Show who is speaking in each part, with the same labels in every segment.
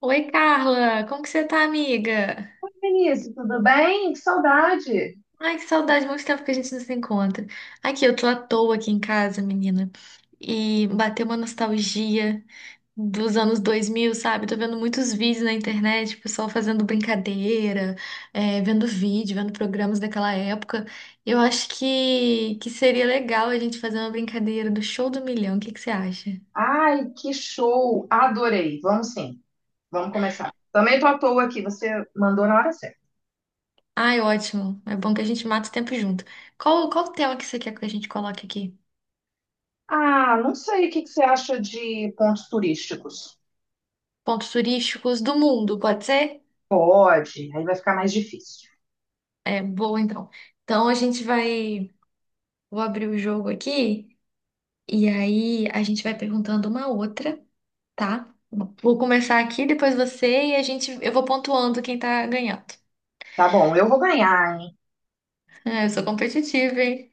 Speaker 1: Oi, Carla! Como que você tá, amiga?
Speaker 2: Oi, Vinícius, tudo bem? Que saudade!
Speaker 1: Ai, que saudade, muito tempo que a gente não se encontra. Aqui, eu tô à toa aqui em casa, menina, e bateu uma nostalgia dos anos 2000, sabe? Tô vendo muitos vídeos na internet, o pessoal fazendo brincadeira, vendo vídeo, vendo programas daquela época. Eu acho que seria legal a gente fazer uma brincadeira do Show do Milhão, o que que você acha?
Speaker 2: Ai, que show! Adorei! Vamos sim, vamos começar. Também tô à toa aqui, você mandou na hora certa.
Speaker 1: Ai, ótimo, é bom que a gente mata o tempo junto. Qual o tema que você quer que a gente coloque aqui?
Speaker 2: Ah, não sei o que que você acha de pontos turísticos.
Speaker 1: Pontos turísticos do mundo, pode ser?
Speaker 2: Pode, aí vai ficar mais difícil.
Speaker 1: É, boa então. Então a gente vai. Vou abrir o jogo aqui e aí a gente vai perguntando uma outra, tá? Vou começar aqui, depois você e a gente. Eu vou pontuando quem tá ganhando.
Speaker 2: Tá bom, eu vou ganhar, hein?
Speaker 1: É, eu sou competitiva, hein?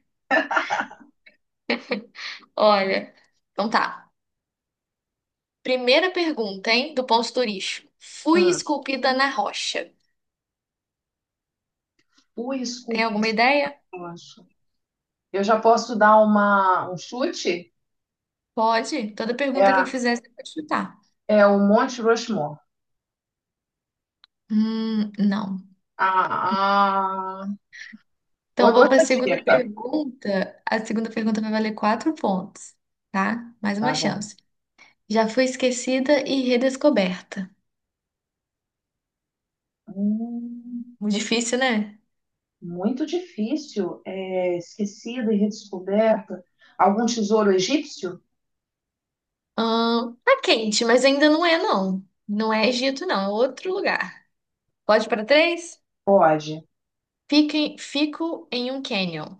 Speaker 1: Olha. Então tá. Primeira pergunta, hein? Do ponto turístico. Fui
Speaker 2: Hum,
Speaker 1: esculpida na rocha.
Speaker 2: fui
Speaker 1: Tem
Speaker 2: esculpido,
Speaker 1: alguma ideia?
Speaker 2: eu acho. Eu já posso dar um chute?
Speaker 1: Pode. Toda pergunta que eu
Speaker 2: É,
Speaker 1: fizer, você pode chutar.
Speaker 2: é o Monte Rushmore.
Speaker 1: Não.
Speaker 2: Ah,
Speaker 1: Então,
Speaker 2: outra
Speaker 1: vou para a segunda
Speaker 2: dica.
Speaker 1: pergunta. A segunda pergunta vai valer quatro pontos, tá? Mais
Speaker 2: Tá
Speaker 1: uma
Speaker 2: bom.
Speaker 1: chance. Já fui esquecida e redescoberta.
Speaker 2: Hum.
Speaker 1: Muito difícil, né?
Speaker 2: Muito difícil, é, esquecida e redescoberta. Algum tesouro egípcio?
Speaker 1: Tá quente, mas ainda não é, não. Não é Egito, não. É outro lugar. Pode para três?
Speaker 2: Pode.
Speaker 1: Fico em um canyon.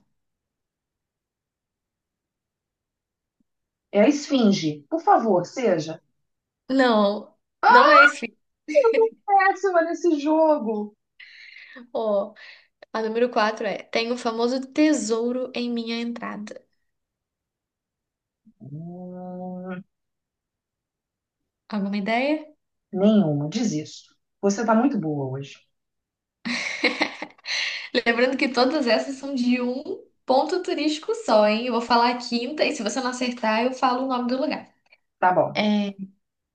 Speaker 2: É a esfinge. Por favor, seja.
Speaker 1: Não, não é esse.
Speaker 2: Péssima nesse jogo.
Speaker 1: Ó, a número quatro é: Tenho o famoso tesouro em minha entrada.
Speaker 2: Hum,
Speaker 1: Alguma ideia?
Speaker 2: nenhuma, desisto. Você tá muito boa hoje.
Speaker 1: Lembrando que todas essas são de um ponto turístico só, hein? Eu vou falar a quinta e se você não acertar, eu falo o nome do lugar.
Speaker 2: Tá bom.
Speaker 1: É,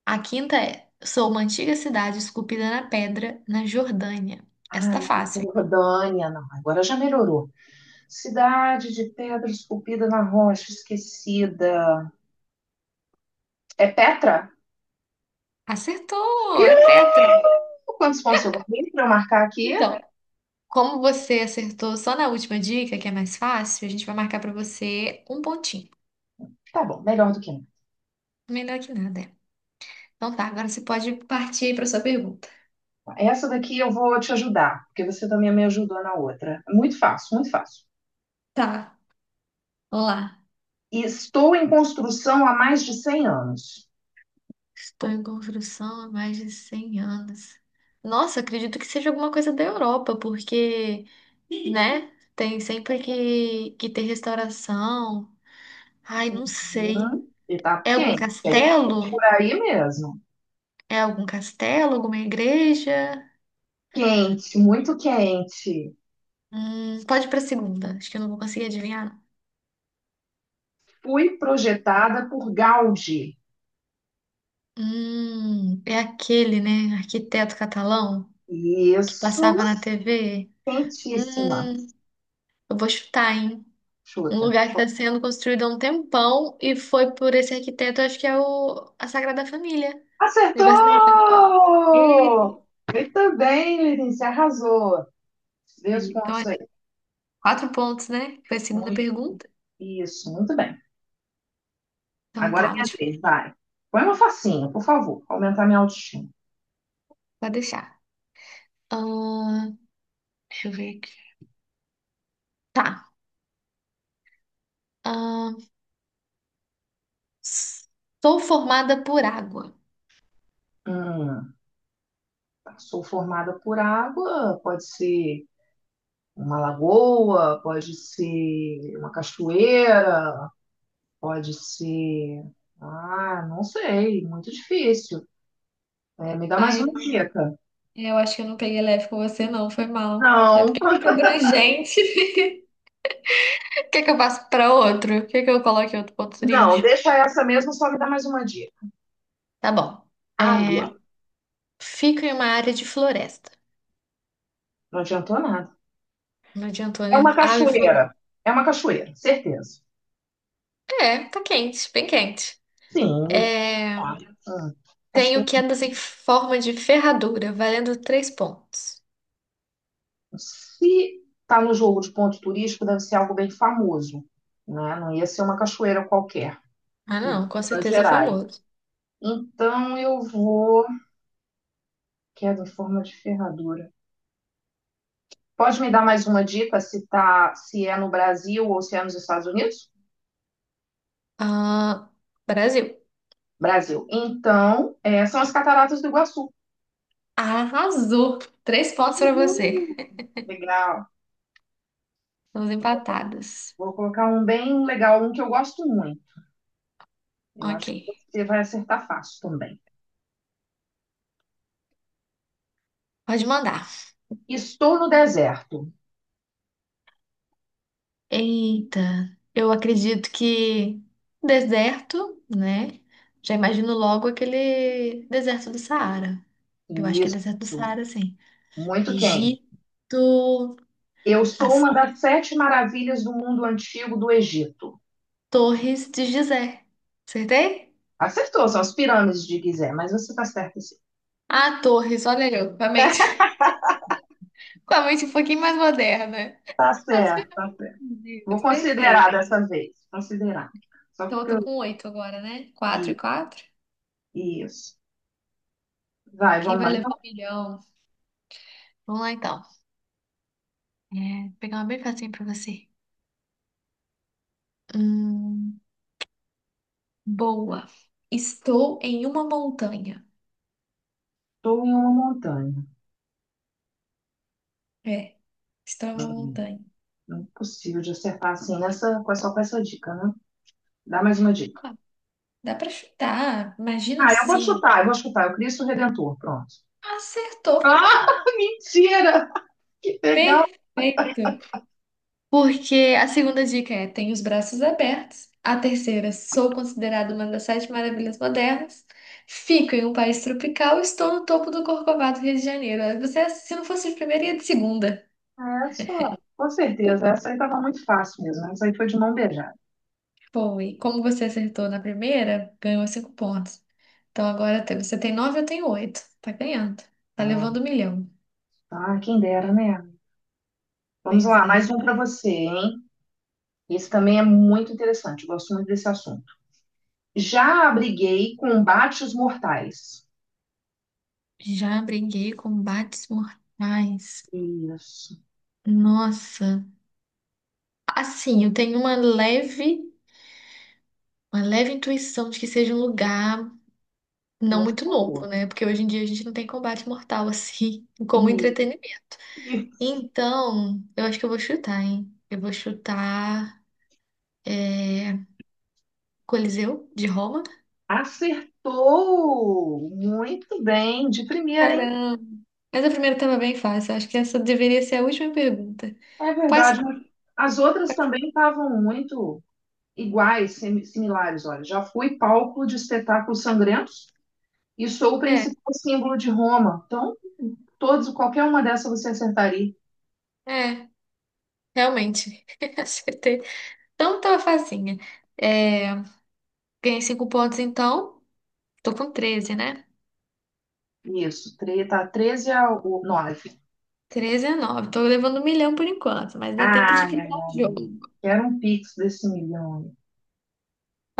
Speaker 1: a quinta é: Sou uma antiga cidade esculpida na pedra, na Jordânia. Essa
Speaker 2: Ah,
Speaker 1: tá
Speaker 2: não,
Speaker 1: fácil, hein?
Speaker 2: Jordânia, não. Agora já melhorou. Cidade de pedra esculpida na rocha, esquecida. É Petra? Ih,
Speaker 1: Acertou! É Petra.
Speaker 2: quantos pontos eu ganhei para eu marcar aqui?
Speaker 1: Então, como você acertou só na última dica, que é mais fácil, a gente vai marcar pra você um pontinho.
Speaker 2: Tá bom, melhor do que não.
Speaker 1: Melhor que nada, é. Então tá, agora você pode partir aí pra sua pergunta.
Speaker 2: Essa daqui eu vou te ajudar, porque você também me ajudou na outra. Muito fácil, muito fácil.
Speaker 1: Tá, vamos lá.
Speaker 2: Estou em construção há mais de cem anos.
Speaker 1: Estou em construção há mais de 100 anos. Nossa, acredito que seja alguma coisa da Europa, porque, né, tem sempre que ter restauração. Ai, não sei.
Speaker 2: E tá
Speaker 1: É algum
Speaker 2: quente, é
Speaker 1: castelo?
Speaker 2: por aí mesmo.
Speaker 1: É algum castelo? Alguma igreja?
Speaker 2: Quente, muito quente.
Speaker 1: Pode ir pra segunda. Acho que eu não vou conseguir adivinhar.
Speaker 2: Fui projetada por Gaudi.
Speaker 1: É aquele, né, arquiteto catalão que
Speaker 2: Isso,
Speaker 1: passava na TV?
Speaker 2: quentíssima.
Speaker 1: Hum, eu vou chutar, hein? Um
Speaker 2: Chuta.
Speaker 1: lugar que está sendo construído há um tempão e foi por esse arquiteto, acho que a Sagrada Família de Barcelona. E-
Speaker 2: Acertou! Muito bem, Lenice, arrasou. Vê os
Speaker 1: Então,
Speaker 2: pontos
Speaker 1: é
Speaker 2: aí.
Speaker 1: quatro pontos, né? Foi a segunda
Speaker 2: Muito-
Speaker 1: pergunta.
Speaker 2: isso, muito bem.
Speaker 1: Então
Speaker 2: Agora é
Speaker 1: tá, vou
Speaker 2: minha
Speaker 1: te-
Speaker 2: vez, vai. Põe uma facinha, por favor, pra aumentar minha autoestima.
Speaker 1: Pode deixar. Ahn, deixa eu ver aqui. Tá. Ahn, sou formada por água.
Speaker 2: Hum, sou formada por água, pode ser uma lagoa, pode ser uma cachoeira, pode ser. Ah, não sei, muito difícil. É, me dá mais
Speaker 1: Ai,
Speaker 2: uma dica.
Speaker 1: eu acho que eu não peguei leve com você, não. Foi mal. É
Speaker 2: Não,
Speaker 1: porque fica abrangente. Quer que eu passe para outro? Quer que eu coloque outro ponto
Speaker 2: não,
Speaker 1: turístico?
Speaker 2: deixa essa mesmo, só me dá mais uma dica.
Speaker 1: Tá bom.
Speaker 2: Água,
Speaker 1: É, fica em uma área de floresta.
Speaker 2: não adiantou nada.
Speaker 1: Não adiantou,
Speaker 2: É
Speaker 1: né?
Speaker 2: uma
Speaker 1: Água e floresta.
Speaker 2: cachoeira. É uma cachoeira, certeza.
Speaker 1: É, tá quente, bem quente.
Speaker 2: Sim.
Speaker 1: É,
Speaker 2: Olha,
Speaker 1: tenho
Speaker 2: cachoeira.
Speaker 1: quedas em forma de ferradura, valendo três pontos.
Speaker 2: Se está no jogo de ponto turístico, deve ser algo bem famoso, né? Não ia ser uma cachoeira qualquer,
Speaker 1: Ah,
Speaker 2: em
Speaker 1: não, com
Speaker 2: Minas
Speaker 1: certeza é
Speaker 2: Gerais.
Speaker 1: famoso.
Speaker 2: Então eu vou. Queda em forma de ferradura. Pode me dar mais uma dica se tá, se é no Brasil ou se é nos Estados Unidos?
Speaker 1: Ah, Brasil.
Speaker 2: Brasil. Então, é, são as cataratas do Iguaçu.
Speaker 1: Arrasou! Três pontos pra você.
Speaker 2: Uhum. Legal.
Speaker 1: Estamos empatadas.
Speaker 2: Vou colocar um bem legal, um que eu gosto muito. Eu
Speaker 1: Ok.
Speaker 2: acho que você vai acertar fácil também.
Speaker 1: Pode mandar.
Speaker 2: Estou no deserto.
Speaker 1: Eita, eu acredito que deserto, né? Já imagino logo aquele deserto do Saara. Eu acho que é
Speaker 2: Isso.
Speaker 1: deserto do Saara, sim.
Speaker 2: Muito quente.
Speaker 1: Egito,
Speaker 2: Eu sou
Speaker 1: as
Speaker 2: uma das sete maravilhas do mundo antigo do Egito.
Speaker 1: Torres de Gizé. Acertei?
Speaker 2: Acertou, são as pirâmides de Gizé, mas você está certa sim.
Speaker 1: Ah, Torres, olha eu, com a mente, com a mente um pouquinho mais moderna.
Speaker 2: Tá
Speaker 1: As
Speaker 2: certo, tá certo. Vou
Speaker 1: pirâmides, perfeito.
Speaker 2: considerar dessa vez, considerar. Só
Speaker 1: Então eu
Speaker 2: porque
Speaker 1: tô
Speaker 2: eu
Speaker 1: com oito agora, né? Quatro e
Speaker 2: li
Speaker 1: quatro.
Speaker 2: isso. Vai,
Speaker 1: Quem
Speaker 2: vamos
Speaker 1: vai
Speaker 2: lá. Então,
Speaker 1: levar um milhão? Vamos lá então. É, vou pegar uma bem facinho pra você. Hum, boa. Estou em uma montanha.
Speaker 2: estou em uma montanha.
Speaker 1: É, estou em uma montanha.
Speaker 2: Não é possível de acertar assim nessa, só com essa dica, né? Dá mais uma dica.
Speaker 1: Ah, dá pra chutar. Imagina
Speaker 2: Ah,
Speaker 1: assim.
Speaker 2: eu vou chutar. É o Cristo Redentor, pronto.
Speaker 1: Acertou.
Speaker 2: Ah, mentira! Que legal!
Speaker 1: Perfeito. Porque a segunda dica é: tenho os braços abertos. A terceira, sou considerada uma das sete maravilhas modernas. Fico em um país tropical. Estou no topo do Corcovado, Rio de Janeiro. Você, se não fosse de primeira, ia de segunda.
Speaker 2: Essa, com certeza, essa aí estava muito fácil mesmo, né? Essa aí foi de mão beijada.
Speaker 1: Bom, e como você acertou na primeira, ganhou cinco pontos. Então você tem nove, eu tenho oito. Tá ganhando. Tá levando um milhão.
Speaker 2: Ah, quem dera, né? Vamos
Speaker 1: Pois
Speaker 2: lá, mais
Speaker 1: é.
Speaker 2: um para você, hein? Esse também é muito interessante, eu gosto muito desse assunto. Já abriguei combates mortais.
Speaker 1: Já briguei com combates mortais.
Speaker 2: Isso,
Speaker 1: Nossa. Assim, eu tenho uma leve intuição de que seja um lugar não
Speaker 2: muito
Speaker 1: muito
Speaker 2: boa.
Speaker 1: novo, né? Porque hoje em dia a gente não tem combate mortal assim
Speaker 2: E,
Speaker 1: como entretenimento.
Speaker 2: e
Speaker 1: Então, eu acho que eu vou chutar, hein? Eu vou chutar é, Coliseu de Roma.
Speaker 2: acertou muito bem, de primeira, hein?
Speaker 1: Caramba! Mas a primeira estava bem fácil. Acho que essa deveria ser a última pergunta.
Speaker 2: É
Speaker 1: Quais
Speaker 2: verdade, mas as outras
Speaker 1: quais-
Speaker 2: também estavam muito iguais, similares. Olha, já fui palco de espetáculos sangrentos e sou o
Speaker 1: É,
Speaker 2: principal símbolo de Roma. Então, todos, qualquer uma dessas você acertaria.
Speaker 1: é, realmente. Acertei. Então, tava facinha. É, ganhei cinco pontos, então. Tô com 13 né?
Speaker 2: Isso, tá 13 a 9.
Speaker 1: 13 a 9. Tô levando um milhão por enquanto, mas dá tempo de
Speaker 2: Ah, minha
Speaker 1: virar o
Speaker 2: alma.
Speaker 1: jogo.
Speaker 2: Quero um pix desse milhão aí.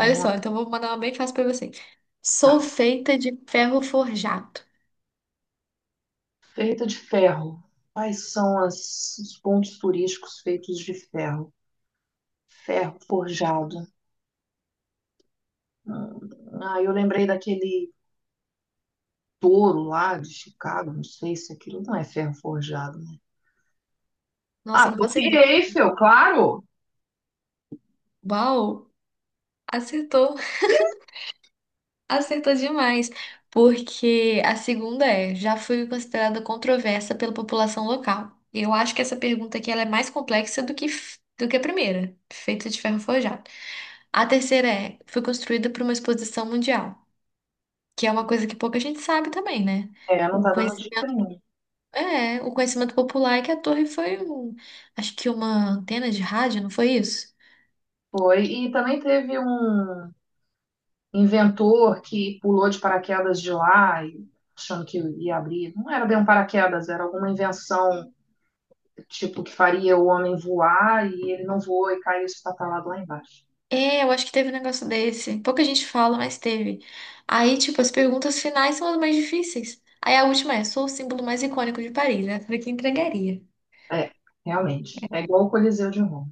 Speaker 1: Olha só,
Speaker 2: lá.
Speaker 1: então vou mandar uma bem fácil pra você.
Speaker 2: Tá.
Speaker 1: Sou feita de ferro forjado.
Speaker 2: Feita de ferro. Quais são os pontos turísticos feitos de ferro? Ferro forjado. Hum, Ah, eu lembrei daquele touro lá de Chicago. Não sei se aquilo não é ferro forjado, né?
Speaker 1: Nossa,
Speaker 2: Ah,
Speaker 1: eu não faço
Speaker 2: Torre
Speaker 1: ideia.
Speaker 2: Eiffel, claro!
Speaker 1: Uau! Acertou! Acertou demais! Porque a segunda é: já fui considerada controversa pela população local. Eu acho que essa pergunta aqui ela é mais complexa do do que a primeira, feita de ferro forjado. A terceira é: fui construída para uma exposição mundial, que é uma coisa que pouca gente sabe também, né?
Speaker 2: É, não
Speaker 1: O
Speaker 2: tá dando
Speaker 1: conhecimento
Speaker 2: dica nenhuma.
Speaker 1: É, o conhecimento popular é que a torre foi um, acho que uma antena de rádio, não foi isso?
Speaker 2: Foi. E também teve um inventor que pulou de paraquedas de lá, e- achando que ia abrir. Não era bem um paraquedas, era alguma invenção, tipo, que faria o homem voar e ele não voou e caiu espatalado lá embaixo.
Speaker 1: É, eu acho que teve um negócio desse. Pouca gente fala, mas teve. Aí, tipo, as perguntas finais são as mais difíceis. Aí a última é, sou o símbolo mais icônico de Paris, né? Falei que entregaria.
Speaker 2: É, realmente. É igual o Coliseu de Roma.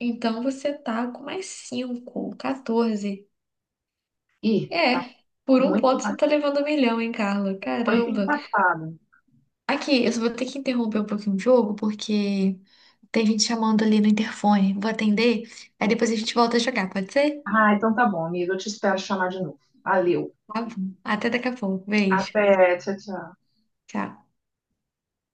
Speaker 1: Então você tá com mais 5, 14.
Speaker 2: Ih, tá
Speaker 1: É, por um
Speaker 2: muito,
Speaker 1: ponto você tá levando um milhão, hein, Carla?
Speaker 2: muito
Speaker 1: Caramba.
Speaker 2: empatado.
Speaker 1: Aqui, eu só vou ter que interromper um pouquinho o jogo, porque tem gente chamando ali no interfone. Vou atender, aí depois a gente volta a jogar, pode ser?
Speaker 2: Ah, então tá bom, amiga. Eu te espero chamar de novo. Valeu.
Speaker 1: Tá bom. Até daqui a pouco. Beijo.
Speaker 2: Até, tchau, tchau.
Speaker 1: Tchau.